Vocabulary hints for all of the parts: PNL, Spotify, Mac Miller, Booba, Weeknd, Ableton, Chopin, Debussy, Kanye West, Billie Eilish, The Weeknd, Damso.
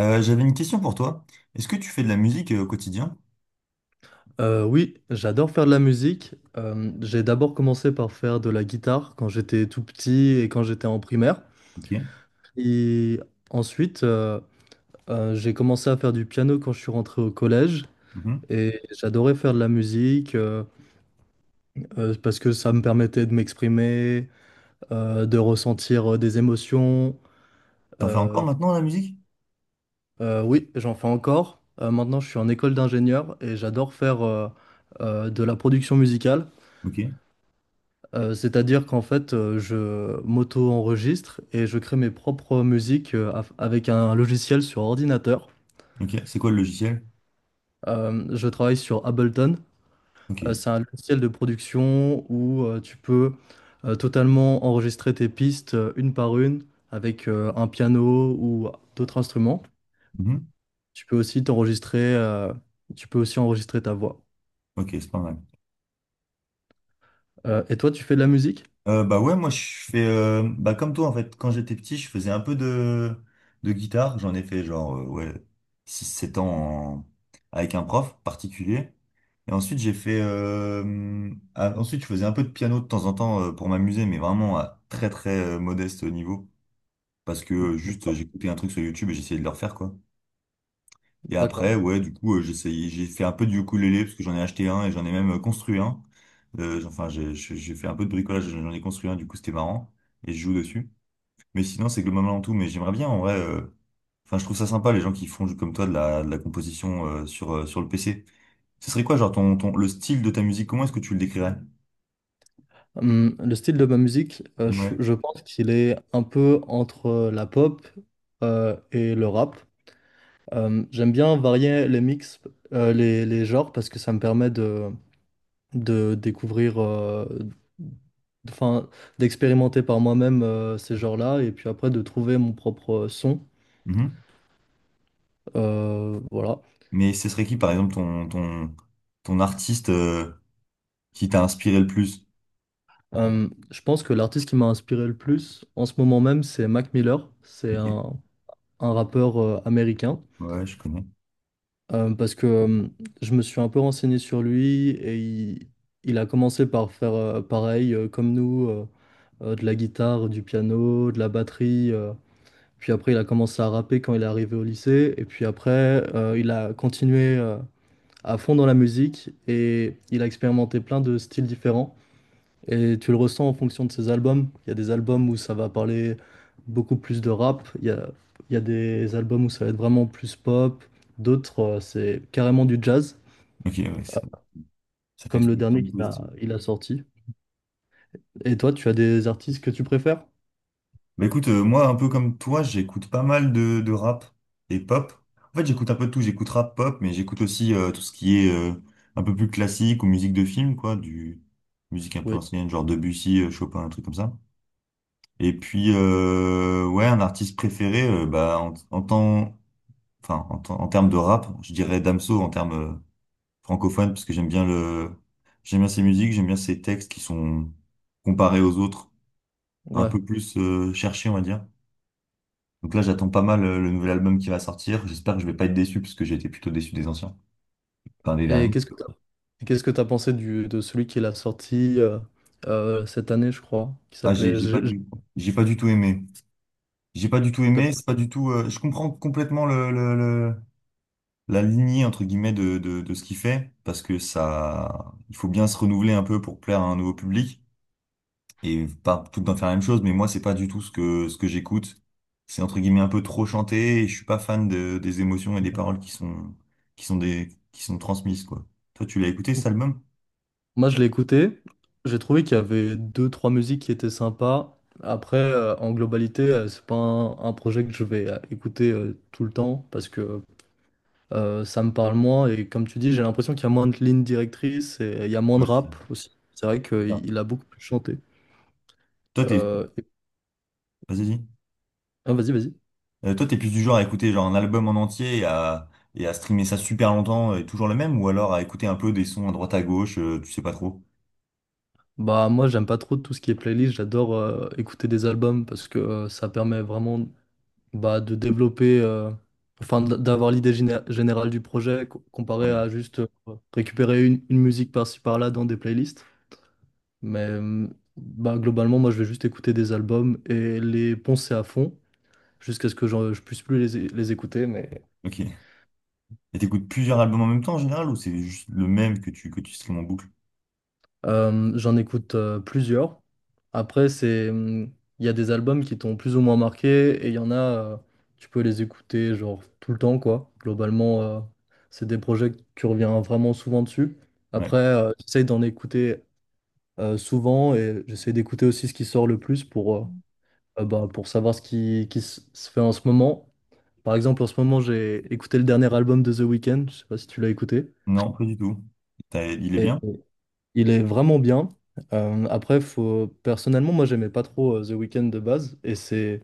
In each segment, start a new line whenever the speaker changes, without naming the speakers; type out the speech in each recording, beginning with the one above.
J'avais une question pour toi. Est-ce que tu fais de la musique au quotidien?
Oui, j'adore faire de la musique. J'ai d'abord commencé par faire de la guitare quand j'étais tout petit et quand j'étais en primaire.
Ok.
Et ensuite, j'ai commencé à faire du piano quand je suis rentré au collège.
Mhm.
Et j'adorais faire de la musique parce que ça me permettait de m'exprimer, de ressentir des émotions.
T'en fais encore
Euh,
maintenant la musique?
oui, j'en fais encore. Maintenant, je suis en école d'ingénieur et j'adore faire de la production musicale.
Ok.
C'est-à-dire qu'en fait, je m'auto-enregistre et je crée mes propres musiques avec un logiciel sur ordinateur.
Ok. C'est quoi le logiciel?
Je travaille sur Ableton.
Ok.
C'est un logiciel de production où tu peux totalement enregistrer tes pistes une par une avec un piano ou d'autres instruments.
Mhm.
Tu peux aussi t'enregistrer, tu peux aussi enregistrer ta voix.
Ok, c'est pas mal.
Et toi, tu fais de la musique?
Bah ouais, moi je fais bah comme toi en fait, quand j'étais petit, je faisais un peu de guitare. J'en ai fait genre ouais six sept ans en- avec un prof particulier. Et ensuite j'ai fait ensuite je faisais un peu de piano de temps en temps pour m'amuser, mais vraiment à très très modeste niveau. Parce que juste, j'écoutais un truc sur YouTube et j'essayais de le refaire quoi. Et
D'accord.
après, ouais, du coup, j'ai fait un peu du ukulélé parce que j'en ai acheté un et j'en ai même construit un. Enfin, j'ai fait un peu de bricolage, j'en ai construit un, du coup, c'était marrant. Et je joue dessus. Mais sinon, c'est globalement tout. Mais j'aimerais bien, en vrai. Enfin, je trouve ça sympa, les gens qui font comme toi de la composition sur, sur le PC. Ce serait quoi, genre, ton, ton, le style de ta musique, comment est-ce que tu le décrirais?
Le style de ma musique,
Ouais.
je pense qu'il est un peu entre la pop et le rap. J'aime bien varier les mix, les genres, parce que ça me permet de découvrir, enfin, d'expérimenter par moi-même ces genres-là, et puis après de trouver mon propre son.
Mhm.
Voilà.
Mais ce serait qui, par exemple, ton, ton, ton artiste qui t'a inspiré le plus?
Je pense que l'artiste qui m'a inspiré le plus en ce moment même, c'est Mac Miller.
Ok.
Un rappeur américain.
Ouais, je connais.
Parce que Je me suis un peu renseigné sur lui il a commencé par faire pareil comme nous. De la guitare, du piano, de la batterie. Puis après, il a commencé à rapper quand il est arrivé au lycée. Et puis après, il a continué à fond dans la musique et il a expérimenté plein de styles différents. Et tu le ressens en fonction de ses albums. Il y a des albums où ça va parler beaucoup plus de rap. Il y a des albums où ça va être vraiment plus pop. D'autres, c'est carrément du jazz,
Ok, ouais, ça fait
comme
tout
le
le temps
dernier
positif.
il a sorti. Et toi, tu as des artistes que tu préfères?
Bah écoute, moi, un peu comme toi, j'écoute pas mal de rap et pop. En fait, j'écoute un peu de tout. J'écoute rap, pop, mais j'écoute aussi tout ce qui est un peu plus classique ou musique de film, quoi, du musique un peu
Oui.
ancienne, genre Debussy, Chopin, un truc comme ça. Et puis, ouais, un artiste préféré, bah en, en temps, enfin, en, temps- en termes de rap, je dirais Damso en termes francophones, parce que j'aime bien le, j'aime bien ses musiques, j'aime bien ses textes qui sont comparés aux autres. Un
Ouais.
peu plus cherché, on va dire. Donc là, j'attends pas mal le nouvel album qui va sortir. J'espère que je vais pas être déçu parce que j'ai été plutôt déçu des anciens, enfin des
Et
derniers.
qu'est-ce que tu Et qu'est-ce que tu as pensé du, de celui qui l'a sorti cette année, je crois, qui
Ah,
s'appelait...
j'ai pas du tout aimé. J'ai pas du tout
t'as-
aimé. C'est pas du tout. Je comprends complètement la lignée entre guillemets de, de ce qu'il fait parce que ça, il faut bien se renouveler un peu pour plaire à un nouveau public. Et pas tout le temps faire la même chose, mais moi, c'est pas du tout ce que j'écoute. C'est entre guillemets un peu trop chanté et je suis pas fan de, des émotions et des paroles qui sont des, qui sont transmises, quoi. Toi, tu l'as écouté cet album?
Moi, je l'ai écouté. J'ai trouvé qu'il y avait deux, trois musiques qui étaient sympas. Après, en globalité, c'est pas un, un projet que je vais écouter tout le temps parce que ça me parle moins. Et comme tu dis, j'ai l'impression qu'il y a moins de lignes directrices et il y a moins de
Ouais,
rap
c'est
aussi. C'est vrai
bizarre.
qu'il il a beaucoup plus chanté.
Toi, t'es,
Euh, et-
vas-y, dis.
ah, vas-y.
Toi, t'es plus du genre à écouter genre un album en entier et à streamer ça super longtemps et toujours le même, ou alors à écouter un peu des sons à droite à gauche, tu sais pas trop.
Bah moi j'aime pas trop tout ce qui est playlist, j'adore écouter des albums parce que ça permet vraiment bah, de développer, enfin d'avoir l'idée générale du projet comparé
Ouais.
à juste récupérer une musique par-ci par-là dans des playlists. Mais bah, globalement, moi je vais juste écouter des albums et les poncer à fond jusqu'à ce que je puisse plus les, les écouter. Mais
Ok. Et t'écoutes plusieurs albums en même temps en général, ou c'est juste le même que tu streames en boucle?
J'en écoute plusieurs. Après, c'est, il y a des albums qui t'ont plus ou moins marqué et il y en a, tu peux les écouter genre tout le temps, quoi. Globalement, c'est des projets que tu reviens vraiment souvent dessus.
Ouais.
Après, j'essaie d'en écouter souvent et j'essaie d'écouter aussi ce qui sort le plus pour, bah, pour savoir qui se fait en ce moment. Par exemple, en ce moment, j'ai écouté le dernier album de The Weeknd. Je sais pas si tu l'as écouté.
Non, pas du tout. Il est bien?
Il est vraiment bien. Après, faut... personnellement, moi, j'aimais pas trop The Weeknd de base. Et c'est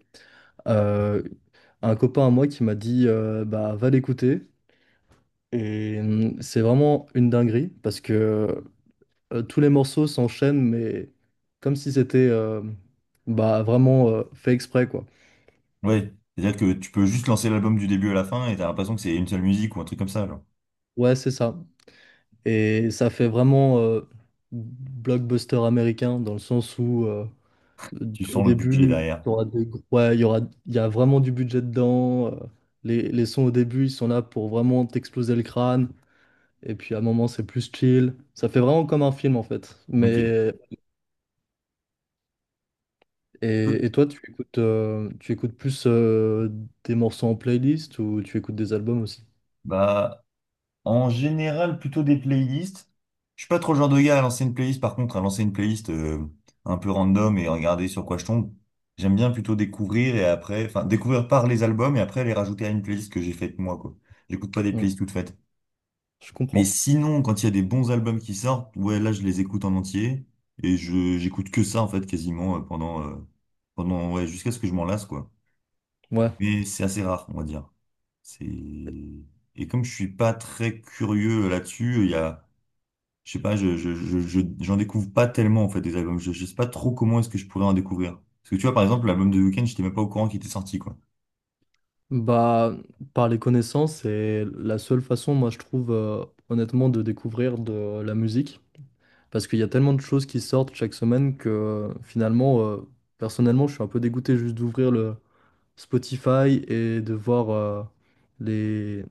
euh, un copain à moi qui m'a dit bah, va l'écouter. Et c'est vraiment une dinguerie parce que tous les morceaux s'enchaînent, mais comme si c'était bah, vraiment fait exprès, quoi.
Ouais, c'est-à-dire que tu peux juste lancer l'album du début à la fin et t'as l'impression que c'est une seule musique ou un truc comme ça, genre.
Ouais, c'est ça. Et ça fait vraiment blockbuster américain dans le sens où.
Tu
Au
sens le budget
début,
derrière.
t'auras des... ouais, il y aura... il y a vraiment du budget dedans. Les sons au début, ils sont là pour vraiment t'exploser le crâne. Et puis à un moment, c'est plus chill. Ça fait vraiment comme un film en fait.
Ok.
Mais
Peu-
et toi, tu écoutes plus des morceaux en playlist ou tu écoutes des albums aussi?
Bah, en général, plutôt des playlists. Je suis pas trop le genre de gars à lancer une playlist, par contre, à lancer une playlist un peu random et regarder sur quoi je tombe. J'aime bien plutôt découvrir et après, enfin, découvrir par les albums et après les rajouter à une playlist que j'ai faite moi, quoi. J'écoute pas des
Hmm,
playlists toutes faites.
Je
Mais
comprends.
sinon, quand il y a des bons albums qui sortent, ouais, là, je les écoute en entier et je j'écoute que ça en fait quasiment pendant ouais, jusqu'à ce que je m'en lasse quoi.
Ouais.
Mais c'est assez rare, on va dire. C'est et comme je suis pas très curieux là-dessus, il y a je sais pas, j'en découvre pas tellement en fait des albums. Je sais pas trop comment est-ce que je pourrais en découvrir. Parce que tu vois, par exemple, l'album de Weeknd, j'étais même pas au courant qu'il était sorti quoi.
Bah, par les connaissances, c'est la seule façon, moi, je trouve, honnêtement, de découvrir de la musique. Parce qu'il y a tellement de choses qui sortent chaque semaine que finalement, personnellement, je suis un peu dégoûté juste d'ouvrir le Spotify et de voir les...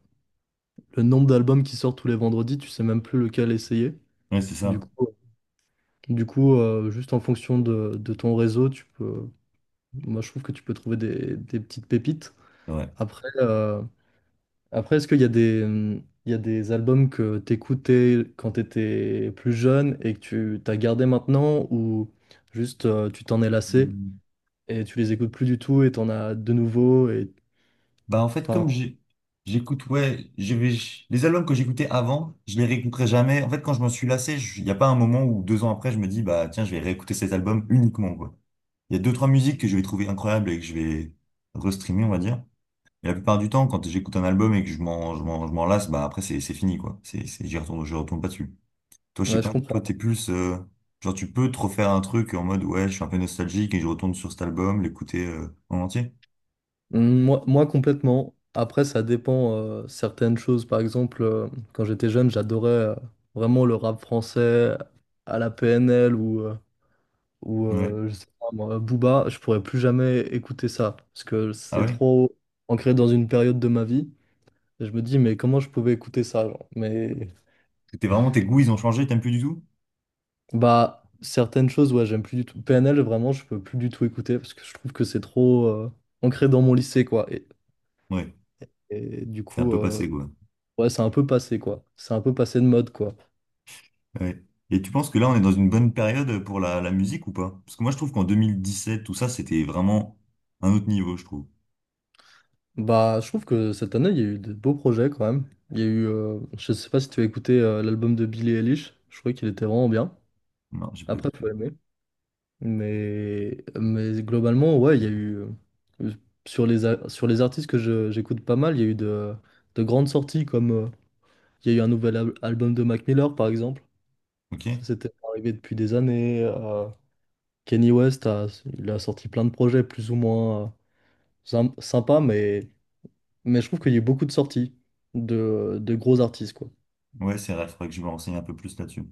le nombre d'albums qui sortent tous les vendredis. Tu sais même plus lequel essayer.
Ouais, c'est
Du
ça.
coup, du coup juste en fonction de ton réseau, tu peux... moi, je trouve que tu peux trouver des petites pépites.
C'est vrai.
Après, euh, Après, est-ce qu'il y a des, il y a des albums que t'écoutais quand t'étais plus jeune et que tu t'as gardé maintenant ou juste tu t'en es lassé
Hmm.
et tu les écoutes plus du tout et t'en as de nouveau et
Bah, en fait,
enfin,
comme j'ai- J'écoute, ouais, je vais, les albums que j'écoutais avant, je les réécouterai jamais. En fait, quand je m'en suis lassé, il n'y a pas un moment où deux ans après, je me dis, bah, tiens, je vais réécouter cet album uniquement, quoi. Il y a deux, trois musiques que je vais trouver incroyables et que je vais restreamer, on va dire. Et la plupart du temps, quand j'écoute un album et que je m'en lasse, bah, après, c'est fini, quoi. C'est, j'y retourne, je retourne pas dessus. Toi, je sais
ouais, je
pas, toi,
comprends.
t'es plus, genre, tu peux te refaire un truc en mode, ouais, je suis un peu nostalgique et je retourne sur cet album, l'écouter, en entier.
Moi complètement. Après, ça dépend certaines choses. Par exemple, quand j'étais jeune, j'adorais vraiment le rap français à la PNL ou
Ouais.
je sais pas moi, Booba, je pourrais plus jamais écouter ça parce que
Ah
c'est
ouais?
trop ancré dans une période de ma vie. Et je me dis, mais comment je pouvais écouter ça, genre. Mais
T'es vraiment, tes goûts, ils ont changé, t'aimes plus du tout?
bah, certaines choses, ouais, j'aime plus du tout. PNL, vraiment, je peux plus du tout écouter parce que je trouve que c'est trop ancré dans mon lycée, quoi.
Ouais,
Et du
c'est un
coup,
peu passé, quoi.
ouais, c'est un peu passé, quoi. C'est un peu passé de mode, quoi.
Ouais. Et tu penses que là, on est dans une bonne période pour la, la musique ou pas? Parce que moi, je trouve qu'en 2017, tout ça, c'était vraiment un autre niveau, je trouve.
Bah, je trouve que cette année, il y a eu de beaux projets quand même. Il y a eu, je sais pas si tu as écouté l'album de Billie Eilish, je trouvais qu'il était vraiment bien.
Non, j'ai pas...
Après,
eu.
tu as aimé. Mais globalement, ouais, il y a eu. euh, Sur sur les artistes que j'écoute pas mal, il y a eu de grandes sorties comme. Il y a eu un nouvel album de Mac Miller, par exemple.
Ok?
Ça, c'était arrivé depuis des années. Kanye West il a sorti plein de projets plus ou moins sympas, mais je trouve qu'il y a eu beaucoup de sorties de gros artistes, quoi.
Ouais, c'est vrai, il faudrait que je me renseigne un peu plus là-dessus.